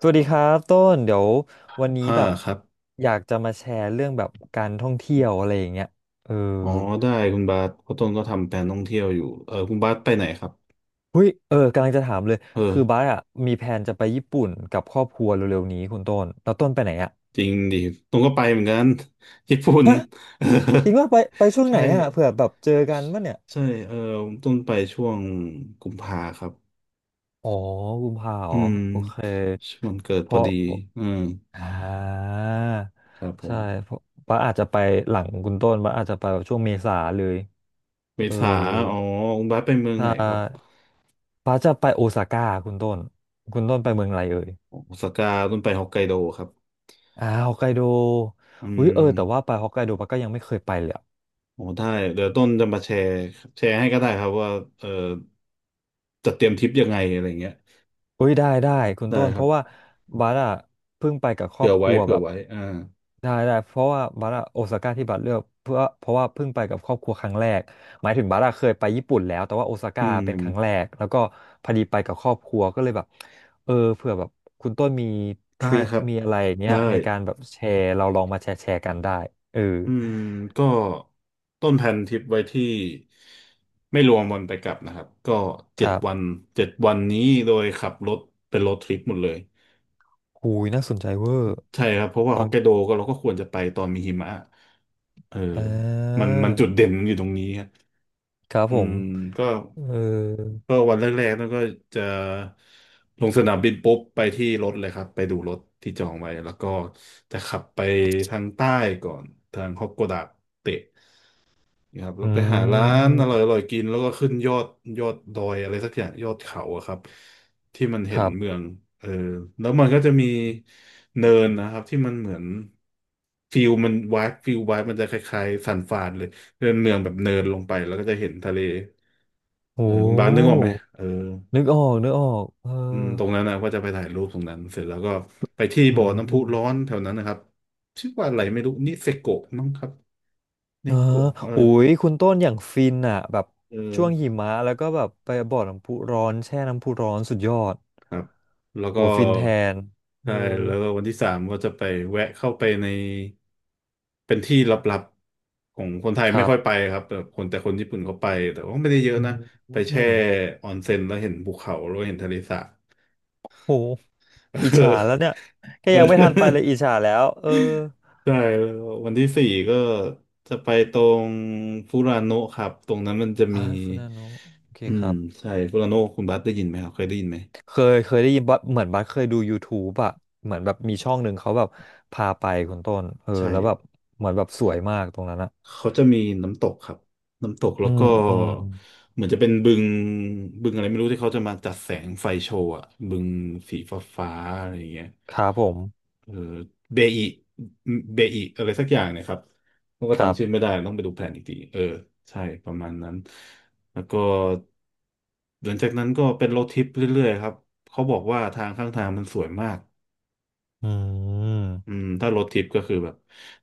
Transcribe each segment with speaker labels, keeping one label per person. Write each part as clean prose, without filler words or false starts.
Speaker 1: สวัสดีครับต้นเดี๋ยววันนี้
Speaker 2: ห้า
Speaker 1: แบบ
Speaker 2: ครับ
Speaker 1: อยากจะมาแชร์เรื่องแบบการท่องเที่ยวอะไรอย่างเงี้ยเออ
Speaker 2: อ๋อได้คุณบาสเพราะต้นก็ทำแผนท่องเที่ยวอยู่คุณบาสไปไหนครับ
Speaker 1: เฮ้ยเออกำลังจะถามเลยคือบ้า
Speaker 2: อ
Speaker 1: สอะมีแผนจะไปญี่ปุ่นกับครอบครัวเร็วๆนี้คุณต้นแล้วต้นไปไหนอะ
Speaker 2: จริงดิต้นก็ไปเหมือนกัน ญี่ปุ่น
Speaker 1: ฮะ
Speaker 2: เออ
Speaker 1: จริงว่าไปไปช่วงไหน
Speaker 2: ใช่
Speaker 1: อะเผื่อแบบเจอกันป่ะเนี่ย
Speaker 2: ใช่เอต้นไปช่วงกุมภาครับ
Speaker 1: อ๋อกุมภา
Speaker 2: อื
Speaker 1: อ๋อ
Speaker 2: ม
Speaker 1: โอเค
Speaker 2: ช่วงวันเกิด
Speaker 1: เพ
Speaker 2: พอ
Speaker 1: ราะ
Speaker 2: ดีอืม
Speaker 1: อ่า
Speaker 2: ครับผ
Speaker 1: ใช่
Speaker 2: ม
Speaker 1: เพราะบ้าสอาจจะไปหลังคุณต้นบ้าสอาจจะไปแบบช่วงเมษาเลย
Speaker 2: เม
Speaker 1: เออ
Speaker 2: ษาอ๋อคุณบาสไปเมือง
Speaker 1: ใช่
Speaker 2: ไหนครับ
Speaker 1: ฟ้าจะไปโอซาก้าคุณต้น คุณต้นไปเมืองอะไรเอ่ย
Speaker 2: โอซาก้าต้นไปฮอกไกโดครับ
Speaker 1: อ่าฮอกไกโด
Speaker 2: อื
Speaker 1: อุ้ยเออแต่ว่า
Speaker 2: ม
Speaker 1: ไปฮอกไกโดปาก็ยังไม่เคยไปเลยอะ
Speaker 2: โอ้ได้ เดี๋ยวต้นจะมาแชร์แชร์ให้ก็ได้ครับว่าเออจะเตรียมทริปยังไงอะไรเงี้ย
Speaker 1: อุ้ยได้ได้คุณ
Speaker 2: ได้
Speaker 1: ต้น
Speaker 2: ค
Speaker 1: เพ
Speaker 2: รับ
Speaker 1: ราะว่าบัสอะเพิ่งไปกับครอ
Speaker 2: เผื่อ
Speaker 1: บค
Speaker 2: ไว้
Speaker 1: รัว
Speaker 2: เผื่
Speaker 1: แบ
Speaker 2: อ
Speaker 1: บ
Speaker 2: ไว้อ่า
Speaker 1: ได้ได้เพราะว่าบัสอะโอซาก้าที่บัสเลือกเพื่อเพราะว่าเพิ่งไปกับครอบครัวครั้งแรกหมายถึงบัสอะเคยไปญี่ปุ่นแล้วแต่ว่าโอซา
Speaker 2: อื
Speaker 1: ก้าเป็นครั้งแร
Speaker 2: ม
Speaker 1: กแล้วก็พอดีไปกับครอบครัวก็เลยแบบเออเผื่อแบบคุณต้นมีท
Speaker 2: ได้
Speaker 1: ริค
Speaker 2: ครับ
Speaker 1: มีอะไรอย่างเงี้ย
Speaker 2: ได้
Speaker 1: ในการแบบแชร์เราลองมาแชร์แชร์กันได้เออ
Speaker 2: อืม ก็ต้นแผนทริปไว้ที่ไม่รวมวันไปกลับนะครับ ก็
Speaker 1: ค
Speaker 2: เจ็ด
Speaker 1: รั
Speaker 2: วัน
Speaker 1: บ
Speaker 2: เจ็ดวันนี้โดยขับรถเป็นรถทริปหมดเลย
Speaker 1: หูยน่าสนใจเวอร์
Speaker 2: ใช่ครับ เพราะว่าฮ
Speaker 1: ฟั
Speaker 2: อก
Speaker 1: ง
Speaker 2: ไกโดก็เราก็ควรจะไปตอนมีหิมะ เออ
Speaker 1: อ่
Speaker 2: มันจุด
Speaker 1: า
Speaker 2: เด่นมันอยู่ตรงนี้ครับ
Speaker 1: ครับ
Speaker 2: อื
Speaker 1: ผม
Speaker 2: มก็
Speaker 1: เออ
Speaker 2: ก็วันแรกๆนั่นก็จะลงสนามบินปุ๊บไปที่รถเลยครับไปดูรถที่จองไว้แล้วก็จะขับไปทางใต้ก่อนทางฮอกโกดะเตะนะครับแล้ว
Speaker 1: อื
Speaker 2: ไปหาร้านอ
Speaker 1: ม
Speaker 2: ร่อยๆกินแล้วก็ขึ้นยอดยอดดอยอะไรสักอย่างยอดเขาอะครับที่มัน
Speaker 1: ค
Speaker 2: เห็น
Speaker 1: รั
Speaker 2: เมื
Speaker 1: บ
Speaker 2: องเออแล้วมันก็จะมีเนินนะครับที่มันเหมือนฟิลวายมันจะคล้ายๆสันฟานเลยเป็นเมืองแบบเนินลงไปแล้วก็จะเห็นทะเลเออ
Speaker 1: โอ้
Speaker 2: คุณบาสนึกออกไหมเออ
Speaker 1: นึกออกนึกออกเออ
Speaker 2: อืมตรงนั้นนะก็จะไปถ่ายรูปตรงนั้นเสร็จแล้วก็ไปที่
Speaker 1: อื
Speaker 2: บ่อน้ำพุร้อ
Speaker 1: ม
Speaker 2: นแถวนั้นนะครับชื่อว่าอะไรไม่รู้นิเซโกะมั้งครับ
Speaker 1: เอ
Speaker 2: นิ
Speaker 1: อ
Speaker 2: โกะเออ
Speaker 1: โอ้ยคุณต้นอย่างฟินอ่ะแบบ
Speaker 2: เอ
Speaker 1: ช่วงหิ
Speaker 2: อ
Speaker 1: มะแล้วก็แบบไปบ่อน้ำพุร้อนแช่น้ำพุร้อนสุดยอด
Speaker 2: ครับแล้ว
Speaker 1: โอ้
Speaker 2: ก็
Speaker 1: ฟินแทนเออ
Speaker 2: ใช่แล้วก็วันที่สามก็จะไปแวะเข้าไปในเป็นที่ลับๆของคนไทย
Speaker 1: ค
Speaker 2: ไม่
Speaker 1: รั
Speaker 2: ค่อยไป
Speaker 1: บ
Speaker 2: ครับแต่คนญี่ปุ่นเขาไปแต่ว่าไม่ได้เยอะ
Speaker 1: อื
Speaker 2: นะ
Speaker 1: ม
Speaker 2: ไป
Speaker 1: อื
Speaker 2: แช่
Speaker 1: ม
Speaker 2: ออนเซ็นแล้วเห็นภูเขาแล้วเห็นทะเลสาบ
Speaker 1: โห อิจ
Speaker 2: เอ
Speaker 1: ฉา
Speaker 2: อ
Speaker 1: แล้วเนี่ย แค่
Speaker 2: เอ
Speaker 1: ยังไม่ทันไปเลย
Speaker 2: อ
Speaker 1: อิจฉาแล้วเออ
Speaker 2: ใช่แล้ววันที่สี่ก็จะไปตรงฟูรานโนะครับตรงนั้นมันจะ
Speaker 1: อ่า
Speaker 2: มี
Speaker 1: ฟูนาโนะโอเค
Speaker 2: อื
Speaker 1: ค
Speaker 2: ม
Speaker 1: รับ
Speaker 2: ใช่ฟูรานโนคุณบัสได้ยินไหมครับเคยได้ยินไหม
Speaker 1: เคยเคยได้ยินบัสเหมือนบัสเคยดู YouTube อะเหมือนแบบมีช่องหนึ่งเขาแบบพาไปคุณต้นเออ
Speaker 2: ใช่
Speaker 1: แล้วแบบเหมือนแบบสวยมากตรงนั้นอะ
Speaker 2: เขาจะมีน้ำตกครับน้ำตก
Speaker 1: อื
Speaker 2: แล้ว
Speaker 1: ม
Speaker 2: ก็
Speaker 1: อืม
Speaker 2: เหมือนจะเป็นบึงบึงอะไรไม่รู้ที่เขาจะมาจัดแสงไฟโชว์อะบึงสีฟ้าฟ้าอะไรอย่างเงี้ย
Speaker 1: ครับผม
Speaker 2: เออเบอิเบอิอะไรสักอย่างเนะครับผมก็
Speaker 1: ครับ
Speaker 2: จำชื่อไม่ได้ต้องไปดูแผนอีกทีใช่ประมาณนั้นแล้วก็หลังจากนั้นก็เป็นโรถทริปเรื่อยๆครับเขาบอกว่าทางข้างทางมันสวยมาก
Speaker 1: อืม
Speaker 2: อืมถ้ารถทิปก็คือแบบ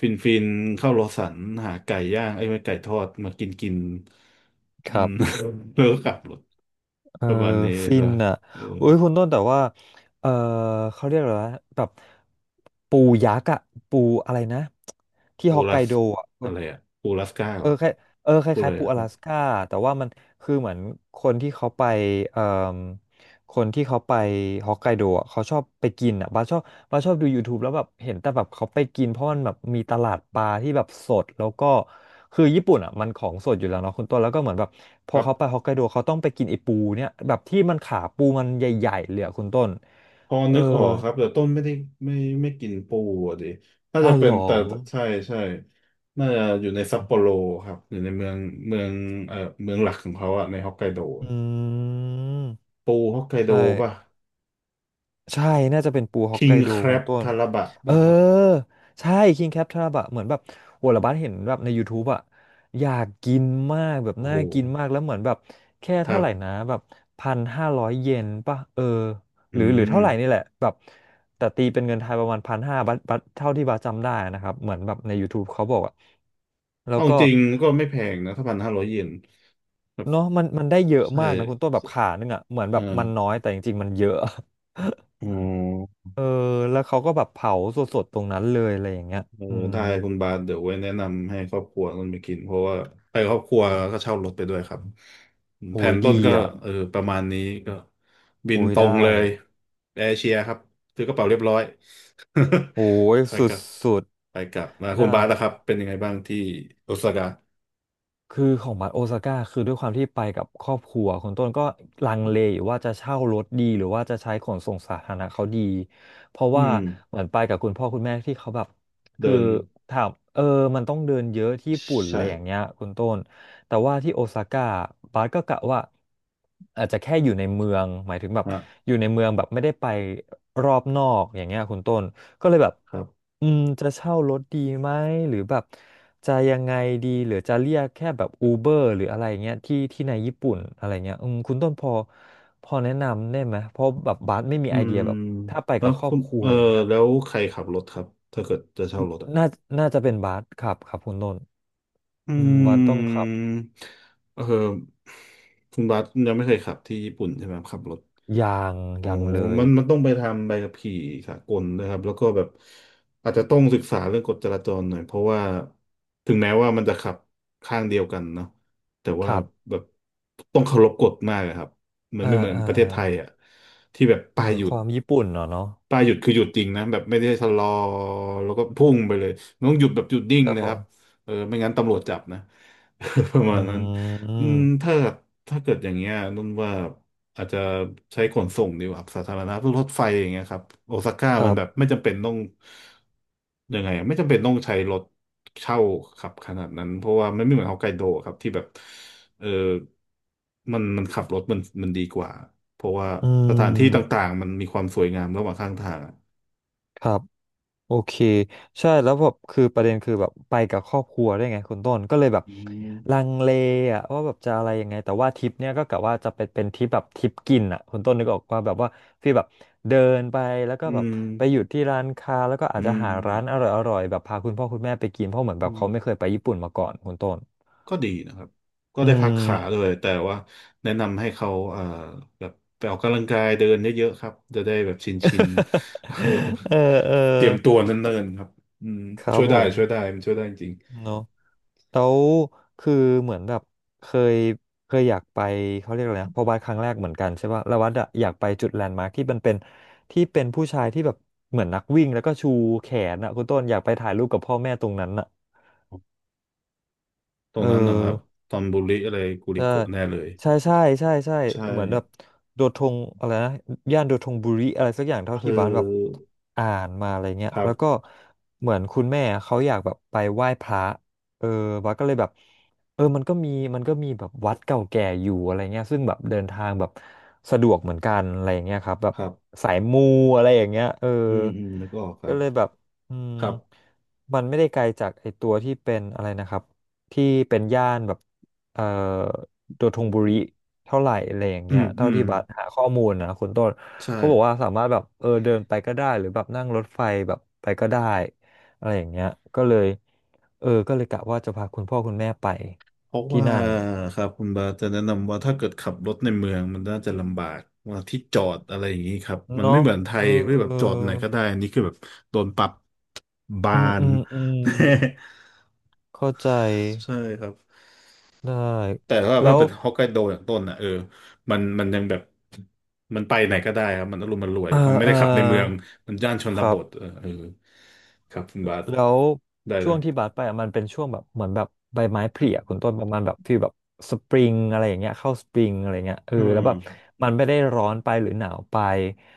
Speaker 2: ฟินเข้าโลสันหาไก่ย่างไอ้ยไม่ไก่ทอดมากินกิน
Speaker 1: ค
Speaker 2: อื
Speaker 1: รั
Speaker 2: ม
Speaker 1: บ
Speaker 2: แล้วก็กลับรถ
Speaker 1: เออ
Speaker 2: ประมาณนี้
Speaker 1: ฟิ
Speaker 2: แล้
Speaker 1: น
Speaker 2: ว
Speaker 1: อะ
Speaker 2: เออ
Speaker 1: อุ้ยคุณต้นแต่ว่าเออเขาเรียกอะไรวะแบบปูยักษ์อะปูอะไรนะที่
Speaker 2: ปู
Speaker 1: ฮอกไก
Speaker 2: รัส
Speaker 1: โดอะเอ
Speaker 2: อะ
Speaker 1: อ
Speaker 2: ไรอะปูรัสก้าเห
Speaker 1: เอ
Speaker 2: ร
Speaker 1: อ
Speaker 2: อ
Speaker 1: คล้ายเออค
Speaker 2: ปูอะไร
Speaker 1: ล้ายๆปู
Speaker 2: อะ
Speaker 1: อ
Speaker 2: ครั
Speaker 1: ลา
Speaker 2: บ
Speaker 1: สก้าแต่ว่ามันคือเหมือนคนที่เขาไปเอ่อคนที่เขาไปฮอกไกโดอะเขาชอบไปกินอ่ะบาสชอบบาสชอบดู YouTube แล้วแบบเห็นแต่แบบเขาไปกินเพราะมันแบบมีตลาดปลาที่แบบสดแล้วก็คือญี่ปุ่นอ่ะมันของสดอยู่แล้วเนาะคุณต้นแล้วก็เหมือนแบบพ
Speaker 2: ค
Speaker 1: อ
Speaker 2: รับ
Speaker 1: เขาไปฮอกไกโดเขาต้องไปกินไอปูเนี่ยแบบที่มันขาปูมันใหญ่ๆเลยอะคุณต้น
Speaker 2: พอ
Speaker 1: เอ
Speaker 2: นึ
Speaker 1: อ
Speaker 2: กออกครับแต่ต้นไม่ได้ไม่กินปูอะดิน่าจะ
Speaker 1: อ้าว
Speaker 2: เป็
Speaker 1: เหร
Speaker 2: น
Speaker 1: อ
Speaker 2: แต่ใช่ใช่น่าจะอยู่ในซัปโปโรครับอยู่ในเมืองเมืองเอ่อเมืองหลักของเขาอะในฮอกไกโด
Speaker 1: อืม
Speaker 2: ปูฮอกไกโด
Speaker 1: ใช่
Speaker 2: ป่ะ
Speaker 1: ใช่น่าจะเป็นปูฮอก
Speaker 2: คิ
Speaker 1: ไก
Speaker 2: ง
Speaker 1: โด
Speaker 2: แคร
Speaker 1: คุณ
Speaker 2: b
Speaker 1: ต้น
Speaker 2: ทาราบะ
Speaker 1: เออ
Speaker 2: ป่ะครับ
Speaker 1: ใช่คิงแคปทราบะเหมือนแบบโหระบัดเห็นแบบใน YouTube อะอยากกินมากแบบ
Speaker 2: โอ้
Speaker 1: น่า
Speaker 2: โห
Speaker 1: กินมากแล้วเหมือนแบบแค่
Speaker 2: ครั
Speaker 1: เท่าไหร่นะ
Speaker 2: บ
Speaker 1: แบบ1,500 เยนป่ะเออ
Speaker 2: อื
Speaker 1: หรือหรือ
Speaker 2: ม
Speaker 1: เท่าไหร่นี่แหละแบบแต่ตีเป็นเงินไทยประมาณพันห้าบัตบัตเท่าที่บาสจำได้นะครับเหมือนแบบใน YouTube เขาบอกอะแล้ว
Speaker 2: เอา
Speaker 1: ก็
Speaker 2: จริงก็ไม่แพงนะถ้า1,500 เยนครับ
Speaker 1: เนาะมันมันได้เยอะ
Speaker 2: ใช
Speaker 1: มากนะคุณต้นแบ
Speaker 2: ่
Speaker 1: บขานึงอะเหมือน
Speaker 2: เอ
Speaker 1: แบ
Speaker 2: อ
Speaker 1: บมันน้อยแต่จริงๆมันเยอะ
Speaker 2: อ๋อ
Speaker 1: เออแล้วเขาก็แบบเผาสดๆตรงนั้นเลยอะไรอย่างเงี้ย
Speaker 2: เออ
Speaker 1: อืม
Speaker 2: ได้คุณบาสเดี๋ยวไว้แนะนำให้ครอบครัวต้นไปกิน เพราะว่าไปครอบครัวก็เช่ารถไปด้วยครับ แผ
Speaker 1: โอ้ย
Speaker 2: นต้น
Speaker 1: ดี
Speaker 2: ก็
Speaker 1: อ่ะ
Speaker 2: ประมาณนี้ก็บิน
Speaker 1: โอ้ย
Speaker 2: ตรงเล
Speaker 1: ได้
Speaker 2: ยแอร์เชียครับถือกระเป๋าเรียบร้อย
Speaker 1: โอ้ย
Speaker 2: ไป
Speaker 1: ส
Speaker 2: กลับ
Speaker 1: ุด
Speaker 2: ไปกลับมา
Speaker 1: ๆ
Speaker 2: คุ
Speaker 1: ได้
Speaker 2: ณบาสนะครับเป็นยังไงบ้างที่โอซาก้า
Speaker 1: คือของบัสโอซาก้าคือด้วยความที่ไปกับครอบครัวคุณต้นก็ลังเลอยู่ว่าจะเช่ารถดีหรือว่าจะใช้ขนส่งสาธารณะเขาดีเพราะ
Speaker 2: อื
Speaker 1: ว่า
Speaker 2: ม
Speaker 1: เหมือนไปกับคุณพ่อคุณแม่ที่เขาแบบคือ
Speaker 2: เดิน
Speaker 1: ถามเออมันต้องเดินเยอะที่ญี่ปุ่นอะ
Speaker 2: ใช่
Speaker 1: ไรอย่างเงี้ยคุณต้นแต่ว่าที่โอซาก้าบาสก็กะว่าอาจจะแค่อยู่ในเมืองหมายถึงแบบ
Speaker 2: ฮะ
Speaker 1: อยู่ในเมืองแบบไม่ได้ไปรอบนอกอย่างเงี้ยคุณต้น ก็เลยแบบ
Speaker 2: ครับ
Speaker 1: อืมจะเช่ารถดีไหมหรือแบบจะยังไงดีหรือจะเรียกแค่แบบอูเบอร์หรืออะไรเงี้ยที่ที่ในญี่ปุ่นอะไรเงี้ยอืมคุณต้นพอพอแนะนำได้ไหมเพราะแบบบาสไม่มี
Speaker 2: อื
Speaker 1: ไอเดีย
Speaker 2: ม
Speaker 1: แบบถ้าไป
Speaker 2: แล้
Speaker 1: กั
Speaker 2: ว
Speaker 1: บครอ
Speaker 2: คุ
Speaker 1: บ
Speaker 2: ณ
Speaker 1: ครัว
Speaker 2: เออ
Speaker 1: อย่างเงี้ย
Speaker 2: แล้วใครขับรถครับถ้าเกิดจะเช่ารถอ่ะ
Speaker 1: น่าน่าจะเป็นบาสครับครับคุณต้น
Speaker 2: อื
Speaker 1: อืมบาสต้องขับ
Speaker 2: มเออคุณบัสยังไม่เคยขับที่ญี่ปุ่นใช่ไหมครับขับรถ
Speaker 1: ยาง
Speaker 2: อ๋อ
Speaker 1: ยางเลย
Speaker 2: มันต้องไปทำใบขับขี่สากลนะครับ แล้วก็แบบอาจจะต้องศึกษาเรื่องกฎจราจรหน่อย เพราะว่าถึงแม้ว่ามันจะขับข้างเดียวกันเนาะแต่
Speaker 1: ค
Speaker 2: ว่า
Speaker 1: รับ
Speaker 2: แบบต้องเคารพกฎมากอะครับมัน
Speaker 1: อ่า
Speaker 2: ไม่เหมือน
Speaker 1: อ่า
Speaker 2: ประเทศไทยอ่ะที่แบบ
Speaker 1: เอ
Speaker 2: ป้าย
Speaker 1: อ
Speaker 2: หยุ
Speaker 1: ค
Speaker 2: ด
Speaker 1: วามญี่ปุ่นเนาะเนาะ
Speaker 2: ปลายหยุดคือหยุดจริงนะแบบไม่ได้ชะลอแล้วก็พุ่งไปเลยมันต้องหยุดแบบหยุดนิ่ง
Speaker 1: ครับ
Speaker 2: เลย
Speaker 1: ผ
Speaker 2: ครั
Speaker 1: ม
Speaker 2: บไม่งั้นตำรวจจับนะ ประ
Speaker 1: อื
Speaker 2: มาณนั้นอืม
Speaker 1: ม
Speaker 2: ถ้าเกิดอย่างเงี้ยนุ่นว่าอาจจะใช้ขนส่งดีกว่าครับสาธารณะพวกรถไฟอย่างเงี้ยครับโอซาก้า
Speaker 1: ค
Speaker 2: มั
Speaker 1: รั
Speaker 2: น
Speaker 1: บ
Speaker 2: แบบไม่จำเป็นต้องยังไงอะไม่จำเป็นต้องใช้รถเช่าขับขนาดนั้นเพราะว่ามันไม่เหมือนฮอกไกโดครับที่แบบเออมันขับรถมันดีกว่า เพราะว่า
Speaker 1: อื
Speaker 2: สถานที่ต่า
Speaker 1: ม
Speaker 2: งๆมันมีความสวยงามระหว่างข้างทางอะ
Speaker 1: ครับ โอเคใช่แล้วแบบคือประเด็นคือแบบไปกับครอบครัวได้วยไงคุณต้นก็เลยแบบ
Speaker 2: อื
Speaker 1: ลั
Speaker 2: ม
Speaker 1: งเลอะว่าแบบจะอะไรยังไงแต่ว่าทริปเนี้ยก็กะว่าจะเป็นเป็นทริปแบบทริปกินอะคุณต้นนึกออกว่าแบบว่าฟีลแบบเดินไปแล้วก็
Speaker 2: อื
Speaker 1: แบบ
Speaker 2: ม
Speaker 1: ไปหยุดที่ร้านค้าแล้วก็อา
Speaker 2: อื
Speaker 1: จจะ
Speaker 2: ม
Speaker 1: หาร้านอร่อยอร่อยแบบพาคุณพ่อคุณแม่ไปกินเพราะเหมือนแบ
Speaker 2: อื
Speaker 1: บ
Speaker 2: ม
Speaker 1: เขาไม่เคยไปญี่ปุ่นมาก่อนคุณต้น
Speaker 2: ก็ดีนะครับก็
Speaker 1: อื
Speaker 2: ได้พัก
Speaker 1: ม
Speaker 2: ขาด้วยแต่ว่าแนะนำให้เขาแบบไปออกกำลังกายเดินเยอะๆครับจะได้แบบชิน เออ
Speaker 1: เออเออ
Speaker 2: เตรียมตัวเนิ่นๆครับอืม
Speaker 1: ครั
Speaker 2: ช่
Speaker 1: บ
Speaker 2: วย
Speaker 1: ผ
Speaker 2: ได้
Speaker 1: ม
Speaker 2: ช่วยได้มันช่วยได้จริง
Speaker 1: เนาะ แล้วคือเหมือนแบบเคยเคยอยากไปเขาเรียกอะไรนะพอวัดครั้งแรกเหมือนกันใช่ป่ะแล้ววัดอะอยากไปจุดแลนด์มาร์คที่มันเป็นที่เป็นผู้ชายที่แบบเหมือนนักวิ่งแล้วก็ชูแขนอะคุณต้นอยากไปถ่ายรูปกับพ่อแม่ตรงนั้นอะ
Speaker 2: ตร
Speaker 1: เอ
Speaker 2: ง
Speaker 1: อ
Speaker 2: นั้นนะครับตอนบุริอะไรกู
Speaker 1: ใช
Speaker 2: ริโกะแน่เลย
Speaker 1: ่ใช่ใช่ใช่ใช่
Speaker 2: ใช่
Speaker 1: เหมือนแบบโดทงอะไรนะย่านโดทงบุรีอะไรสักอย่างเท่า
Speaker 2: เอ
Speaker 1: ที่บ้านแบบ
Speaker 2: อ
Speaker 1: อ่านมาอะไรเงี้ย
Speaker 2: ครั
Speaker 1: แล้วก็
Speaker 2: บ
Speaker 1: เหมือนคุณแม่เขาอยากแบบไปไหว้พระเออบ้านก็เลยแบบเออมันก็มีแบบวัดเก่าแก่อยู่อะไรเงี้ยซึ่งแบบเดินทางแบบสะดวกเหมือนกันอะไรเงี้ยครับแบบ
Speaker 2: ครับ
Speaker 1: สายมูอะไรอย่างเงี้ยเออ
Speaker 2: อืมแล้วก็ออกครั
Speaker 1: ก็
Speaker 2: บ
Speaker 1: เลยแบบอืม
Speaker 2: ครับ
Speaker 1: มันไม่ได้ไกลจากไอตัวที่เป็นอะไรนะครับที่เป็นย่านแบบเอ่อ ตัวทงบุริเท่าไหร่อะไรอย่าง
Speaker 2: อื
Speaker 1: เงี้ย
Speaker 2: มอื
Speaker 1: เท่า
Speaker 2: ม
Speaker 1: ที่บัสหาข้อมูลนะคุณต้น
Speaker 2: ใช่
Speaker 1: เขาบอกว่าสามารถแบบเออเดินไปก็ได้หรือแบบนั่งรถไฟแบบไปก็ได้อะไรอย่างเงี้ยก็เลยเออก็เลยกะว่าจะพาคุณพ่อคุณแม่ไป
Speaker 2: เพราะ
Speaker 1: ที่
Speaker 2: ว่า
Speaker 1: นั่น
Speaker 2: ครับคุณบาจะแนะนำว่าถ้าเกิดขับรถในเมืองมันน่าจะลำบากว่าที่จอดอะไรอย่างนี้ครับมัน
Speaker 1: เนาะ
Speaker 2: ไม่เหมือนไท
Speaker 1: เอ
Speaker 2: ยไม่แบบจอด
Speaker 1: อ
Speaker 2: ไหนก็ได้อันนี้คือแบบโดนปรับบา
Speaker 1: อืมอื
Speaker 2: น
Speaker 1: มอืมเข้าใจ
Speaker 2: ใช่ครับ
Speaker 1: ได้
Speaker 2: แต่ว่า
Speaker 1: แล้
Speaker 2: ถ้า
Speaker 1: ว
Speaker 2: เป็นฮอกไกโดอย่างต้นอ่ะมันยังแบบมันไปไหนก็ได้ครับมันอารมณ์มันรวย
Speaker 1: เออ
Speaker 2: มันไม่
Speaker 1: เอ
Speaker 2: ได้
Speaker 1: อ
Speaker 2: ขับในเมืองมันย่านช
Speaker 1: ค
Speaker 2: น
Speaker 1: รั
Speaker 2: บ
Speaker 1: บ
Speaker 2: ทเออครับคุณบาส
Speaker 1: แล้ว
Speaker 2: ได้เล
Speaker 1: ช่วง
Speaker 2: ย
Speaker 1: ที่บัสไปอะมันเป็นช่วงแบบเหมือนแบบใบไม้ผลิอะคุณต้นประมาณแบบฟีลแบบสปริงอะไรอย่างเงี้ยเข้าสปริงอะไรเงี้ยเออ
Speaker 2: อื
Speaker 1: แล้วแบบ
Speaker 2: ม
Speaker 1: มันไม่ได้ร้อนไปหรือหนาวไป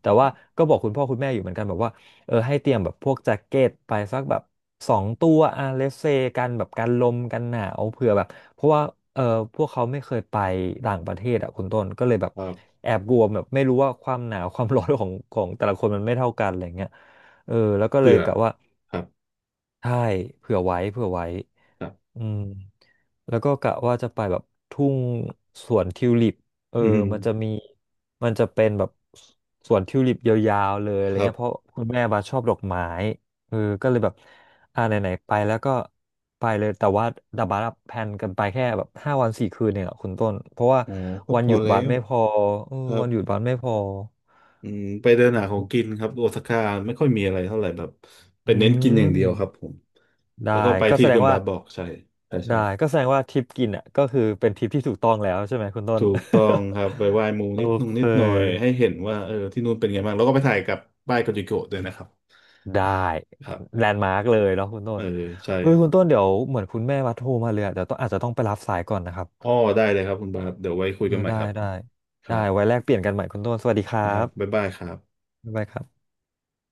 Speaker 1: แต่ว่าก็บอกคุณพ่อคุณแม่อยู่เหมือนกันแบบว่าเออให้เตรียมแบบพวกแจ็คเก็ตไปสักแบบ2 ตัวอ่ะเลสเซกันแบบกันลมกันหนาวเผื่อแบบเพราะว่าเออพวกเขาไม่เคยไปต่างประเทศอ่ะคุณต้นก็เลยแบบ
Speaker 2: ครับ
Speaker 1: แอบกลัวแบบไม่รู้ว่าความหนาวความร้อนของแต่ละคนมันไม่เท่ากันอะไรเงี้ยเออแล้วก็เล
Speaker 2: เผื่
Speaker 1: ย
Speaker 2: อ
Speaker 1: กะว่า
Speaker 2: ครับ
Speaker 1: ใช่เผื่อไว้เผื่อไว้
Speaker 2: ครับ
Speaker 1: อืมแล้วก็กะว่าจะไปแบบทุ่งสวนทิวลิปเออ
Speaker 2: อืม
Speaker 1: มันจะมี มันจะเป็นแบบสวนทิวลิปยาวๆเลยอะไร
Speaker 2: ครับ
Speaker 1: เงี้ยเพราะคุณแม่บาชอบดอกไม้เออก็เลยแบบอ่าไหนๆไปแล้วก็ไปเลย แต่ว่าดับบัสอะแพลนกันไปแค่แบบ5 วัน 4 คืนเนี่ยคุณต้นเพราะว่า
Speaker 2: อ๋อก็
Speaker 1: วั
Speaker 2: พ
Speaker 1: นห
Speaker 2: อ
Speaker 1: ยุด
Speaker 2: แล้
Speaker 1: บัส
Speaker 2: ว
Speaker 1: ไม่พอเออ
Speaker 2: ครั
Speaker 1: วั
Speaker 2: บ
Speaker 1: นหยุดบัสไม่พอ
Speaker 2: อืมไปเดินหาของกินครับโอซาก้าไม่ค่อยมีอะไรเท่าไหร่แบบไป
Speaker 1: อื
Speaker 2: เน้นกินอย่าง
Speaker 1: ม
Speaker 2: เดียวครับผม
Speaker 1: ได้
Speaker 2: แล้วก็ไป
Speaker 1: ก็
Speaker 2: ที่
Speaker 1: แสด
Speaker 2: คุ
Speaker 1: ง
Speaker 2: ณ
Speaker 1: ว่า
Speaker 2: บาสบอกใช่ใช่
Speaker 1: ได้ก็แสดงว่าทริปกินอ่ะก็คือเป็นทริปที่ถูกต้องแล้วใช่ไหมคุณต้น
Speaker 2: ถูกต้องครับไปไหว้หมู
Speaker 1: โอ
Speaker 2: นิดนุ่ง
Speaker 1: เค
Speaker 2: นิดหน่อยให้เห็นว่าเออที่นู่นเป็นไงบ้างแล้วก็ไปถ่ายกับป้ายโกจิโกะด้วยนะครับ
Speaker 1: ได้
Speaker 2: ครับ
Speaker 1: แลนด์มาร์กเลยเนาะคุณต้
Speaker 2: เออ
Speaker 1: น
Speaker 2: ใช่
Speaker 1: เฮ้ยคุณต้นเดี๋ยวเหมือนคุณแม่วัดโทรมาเลยอะเดี๋ยวต้องอาจจะต้องไปรับสายก่อนนะครับ
Speaker 2: อ้อได้เลยครับคุณบาสเดี๋ยวไว้คุย
Speaker 1: เออ
Speaker 2: กันใหม่
Speaker 1: ได้
Speaker 2: ครับ
Speaker 1: ได้
Speaker 2: ค
Speaker 1: ได้
Speaker 2: รั
Speaker 1: ไว้
Speaker 2: บ
Speaker 1: แลกเปลี่ยนกันใหม่คุณต้นสวัสดีครั
Speaker 2: นะครับบ๊าย
Speaker 1: บ
Speaker 2: บายครับ
Speaker 1: บ๊ายบายครับ